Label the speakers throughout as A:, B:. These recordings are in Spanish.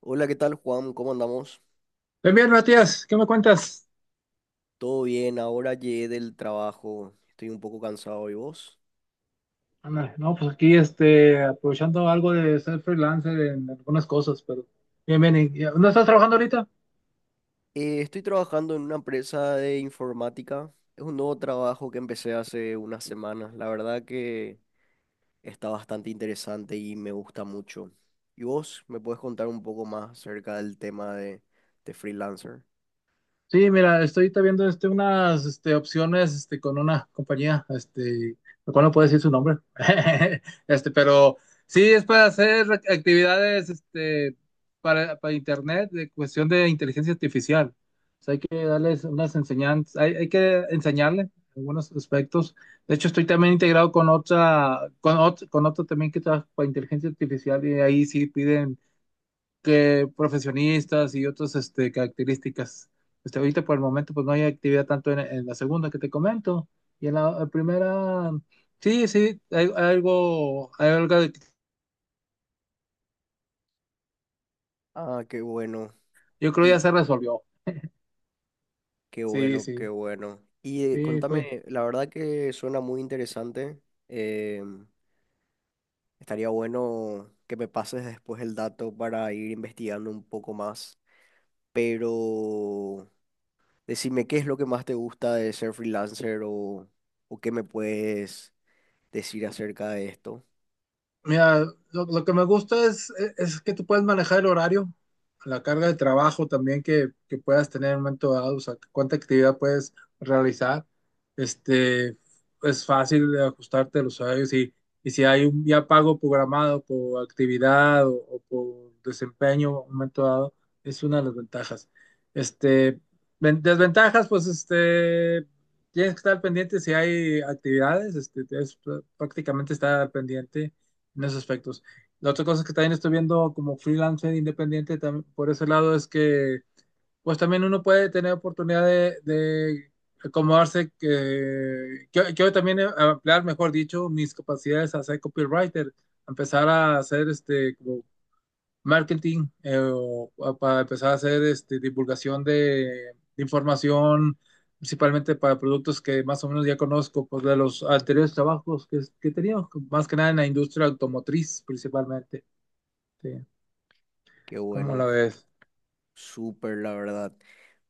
A: Hola, ¿qué tal, Juan? ¿Cómo andamos?
B: Bien, bien, Matías, ¿qué me cuentas?
A: Todo bien, ahora llegué del trabajo, estoy un poco cansado, ¿y vos?
B: Ándale, no, pues aquí aprovechando algo de ser freelancer en algunas cosas, pero bien, bien. ¿No estás trabajando ahorita?
A: Estoy trabajando en una empresa de informática, es un nuevo trabajo que empecé hace unas semanas, la verdad que está bastante interesante y me gusta mucho. ¿Y vos me puedes contar un poco más acerca del tema de freelancer?
B: Sí, mira, estoy ahorita viendo unas opciones con una compañía, lo cual no puedo decir su nombre. Pero sí es para hacer actividades para internet de cuestión de inteligencia artificial. O sea, hay que darles unas enseñanzas, hay que enseñarle algunos aspectos. De hecho, estoy también integrado con otra, con otro también que trabaja para inteligencia artificial y ahí sí piden que profesionistas y otras características. Ahorita por el momento pues no hay actividad tanto en la segunda que te comento, y en la primera sí, sí, hay algo que
A: Ah, qué bueno,
B: yo creo
A: y
B: ya se resolvió.
A: qué
B: Sí,
A: bueno, qué
B: sí,
A: bueno. Y
B: sí.
A: contame, la verdad que suena muy interesante. em, Estaría bueno que me pases después el dato para ir investigando un poco más. Pero decime qué es lo que más te gusta de ser freelancer o qué me puedes decir acerca de esto.
B: Mira, lo que me gusta es que tú puedes manejar el horario, la carga de trabajo también que puedas tener en un momento dado, o sea, cuánta actividad puedes realizar. Este, es fácil de ajustarte a los horarios, y si hay un ya pago programado por actividad o por desempeño en un momento dado, es una de las ventajas. Este, desventajas, pues tienes que estar pendiente si hay actividades, prácticamente estar pendiente en esos aspectos. La otra cosa que también estoy viendo como freelancer independiente, por ese lado, es que pues también uno puede tener oportunidad de acomodarse, que yo también ampliar, mejor dicho, mis capacidades a ser copywriter, empezar a hacer como marketing, o para empezar a hacer divulgación de información, principalmente para productos que más o menos ya conozco, pues de los anteriores trabajos que tenía, más que nada en la industria automotriz principalmente. Sí,
A: Qué
B: ¿cómo la
A: bueno,
B: ves?
A: súper la verdad.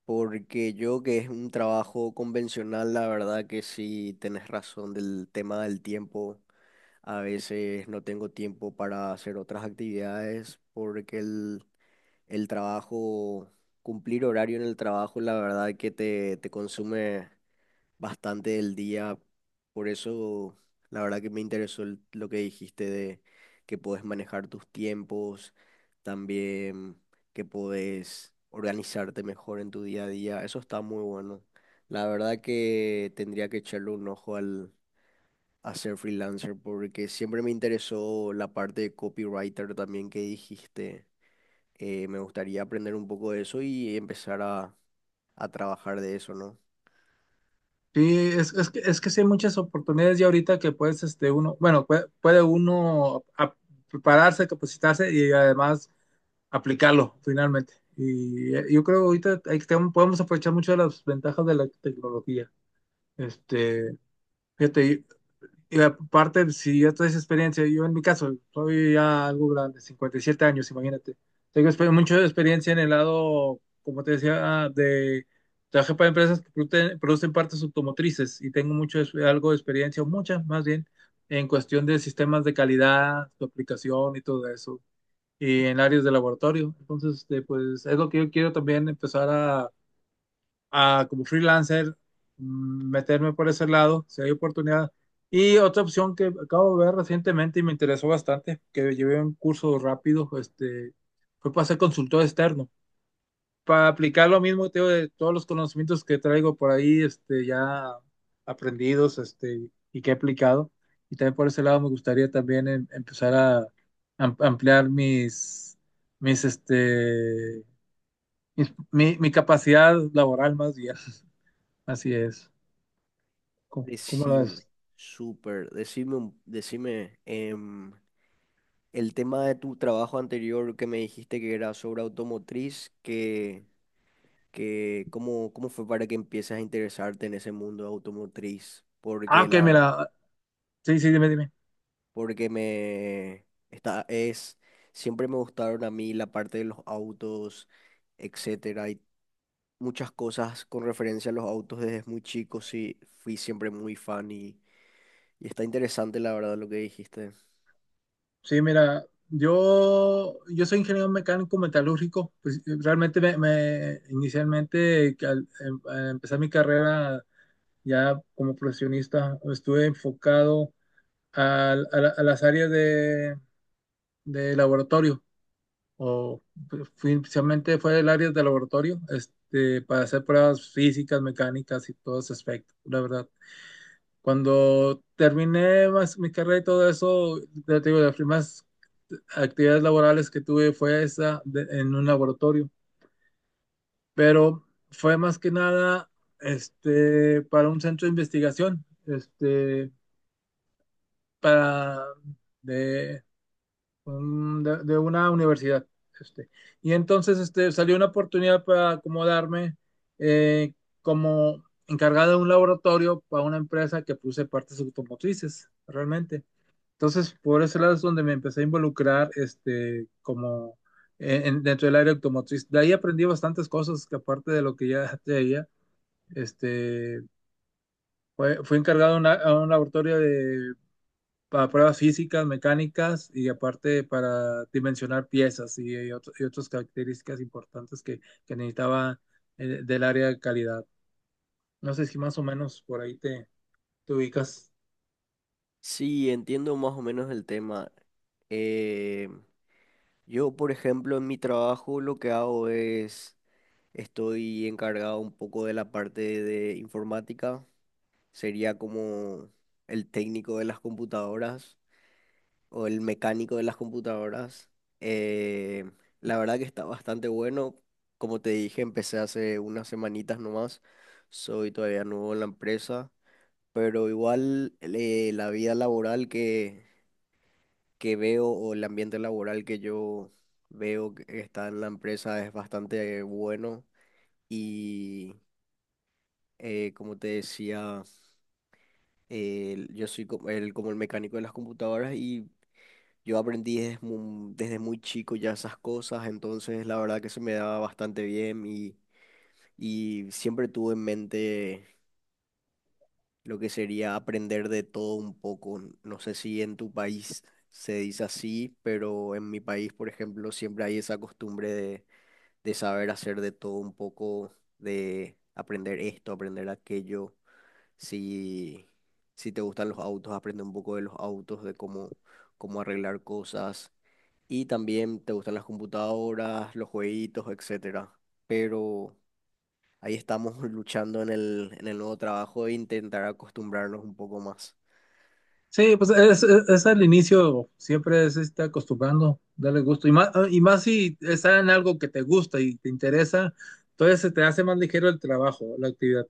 A: Porque yo que es un trabajo convencional, la verdad que sí tenés razón del tema del tiempo. A veces no tengo tiempo para hacer otras actividades porque el trabajo, cumplir horario en el trabajo, la verdad que te consume bastante del día. Por eso, la verdad que me interesó lo que dijiste de que podés manejar tus tiempos, también que podés organizarte mejor en tu día a día. Eso está muy bueno. La verdad que tendría que echarle un ojo al a ser freelancer porque siempre me interesó la parte de copywriter también que dijiste. Me gustaría aprender un poco de eso y empezar a trabajar de eso, ¿no?
B: Sí, es que sí hay muchas oportunidades ya ahorita que puedes, uno, bueno, puede uno prepararse, capacitarse y además aplicarlo finalmente. Y yo creo ahorita podemos aprovechar mucho de las ventajas de la tecnología. Este, fíjate, y aparte, si ya toda esa experiencia, yo en mi caso, soy ya algo grande, 57 años, imagínate. Tengo mucha experiencia en el lado, como te decía. De trabajé para empresas que producen partes automotrices y tengo mucho, algo de experiencia, o mucha más bien, en cuestión de sistemas de calidad, su aplicación y todo eso, y en áreas de laboratorio. Entonces, pues es lo que yo quiero también empezar a, como freelancer, meterme por ese lado, si hay oportunidad. Y otra opción que acabo de ver recientemente y me interesó bastante, que llevé un curso rápido, fue para ser consultor externo, para aplicar, lo mismo te digo, de todos los conocimientos que traigo por ahí, ya aprendidos, y que he aplicado. Y también por ese lado me gustaría también empezar a ampliar mis, mis, este, mis- mi capacidad laboral más bien. Así es. ¿Cómo lo
A: Decime,
B: ves?
A: súper, decime, decime, el tema de tu trabajo anterior que me dijiste que era sobre automotriz, que ¿cómo, cómo fue para que empieces a interesarte en ese mundo automotriz?
B: Ah,
A: Porque
B: ok, mira. Sí, sí, dime, dime.
A: porque es, siempre me gustaron a mí la parte de los autos, etcétera, y muchas cosas con referencia a los autos desde muy chico, sí, fui siempre muy fan y está interesante la verdad lo que dijiste.
B: Sí, mira, yo soy ingeniero mecánico metalúrgico. Pues realmente inicialmente, que al, al empezar mi carrera ya como profesionista, estuve enfocado a las áreas de laboratorio. O pues, inicialmente fue el área de laboratorio, para hacer pruebas físicas, mecánicas y todos esos aspectos, la verdad. Cuando terminé más mi carrera y todo eso, ya te digo, las primeras actividades laborales que tuve fue esa, en un laboratorio, pero fue más que nada para un centro de investigación, para de, de una universidad. Este. Y entonces salió una oportunidad para acomodarme, eh, como encargado de un laboratorio para una empresa que produce partes automotrices, realmente. Entonces, por ese lado es donde me empecé a involucrar, como dentro del área automotriz. De ahí aprendí bastantes cosas que, aparte de lo que ya traía, este, fui encargado de a un laboratorio para pruebas físicas, mecánicas, y aparte para dimensionar piezas y y otras características importantes que necesitaba, del área de calidad. No sé si más o menos por ahí te ubicas.
A: Sí, entiendo más o menos el tema. Eh, yo, por ejemplo, en mi trabajo lo que hago estoy encargado un poco de la parte de informática, sería como el técnico de las computadoras, o el mecánico de las computadoras. Eh, la verdad que está bastante bueno. Como te dije, empecé hace unas semanitas nomás. Soy todavía nuevo en la empresa, pero igual la vida laboral que veo o el ambiente laboral que yo veo que está en la empresa es bastante bueno. Y como te decía, yo soy como como el mecánico de las computadoras y yo aprendí desde muy chico ya esas cosas, entonces la verdad que se me daba bastante bien y siempre tuve en mente lo que sería aprender de todo un poco. No sé si en tu país se dice así, pero en mi país, por ejemplo, siempre hay esa costumbre de saber hacer de todo un poco, de aprender esto, aprender aquello. Si, si te gustan los autos, aprende un poco de los autos, de cómo arreglar cosas y también te gustan las computadoras, los jueguitos, etcétera. Pero ahí estamos luchando en en el nuevo trabajo e intentar acostumbrarnos un poco más.
B: Sí, pues es al inicio, siempre es está acostumbrando, darle gusto. Y más si está en algo que te gusta y te interesa, entonces se te hace más ligero el trabajo, la actividad.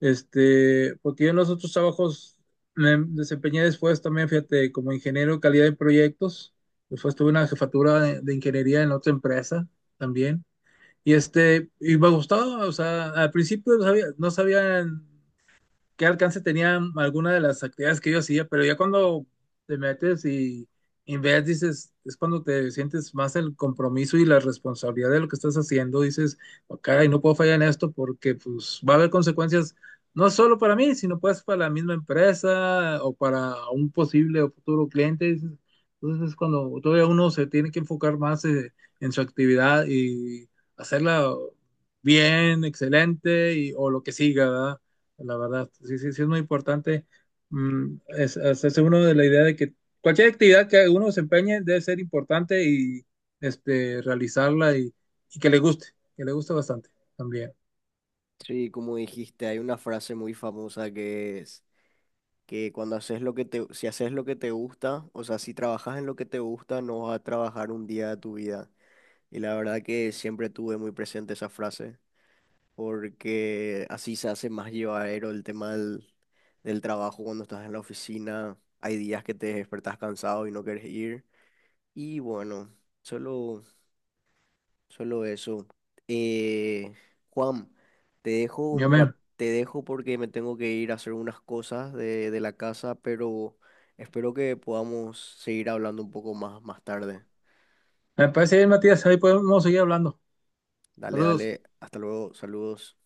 B: Porque yo en los otros trabajos me desempeñé después también, fíjate, como ingeniero de calidad de proyectos. Después tuve una jefatura de ingeniería en otra empresa también. Y me gustaba, o sea, al principio no sabía, no sabía qué alcance tenía alguna de las actividades que yo hacía, pero ya cuando te metes y ves, dices, es cuando te sientes más el compromiso y la responsabilidad de lo que estás haciendo. Dices: "Oh, caray, no puedo fallar en esto, porque pues va a haber consecuencias no solo para mí, sino pues para la misma empresa o para un posible o futuro cliente", dices. Entonces es cuando todavía uno se tiene que enfocar más, en su actividad, y hacerla bien, excelente, y o lo que siga, ¿verdad? La verdad. Sí, sí, sí, es muy importante, hacerse uno de la idea de que cualquier actividad que uno se empeñe debe ser importante, y realizarla, y que le guste bastante también.
A: Sí, como dijiste, hay una frase muy famosa que es que cuando haces lo que si haces lo que te gusta, o sea, si trabajas en lo que te gusta, no vas a trabajar un día de tu vida. Y la verdad que siempre tuve muy presente esa frase, porque así se hace más llevadero el tema del trabajo cuando estás en la oficina. Hay días que te despertás cansado y no quieres ir. Y bueno, solo, solo eso. Eh, Juan, te dejo
B: Yo
A: un ra-
B: me,
A: te dejo porque me tengo que ir a hacer unas cosas de la casa, pero espero que podamos seguir hablando un poco más más tarde.
B: me parece bien, Matías, ahí podemos seguir hablando.
A: Dale,
B: Saludos.
A: dale, hasta luego, saludos.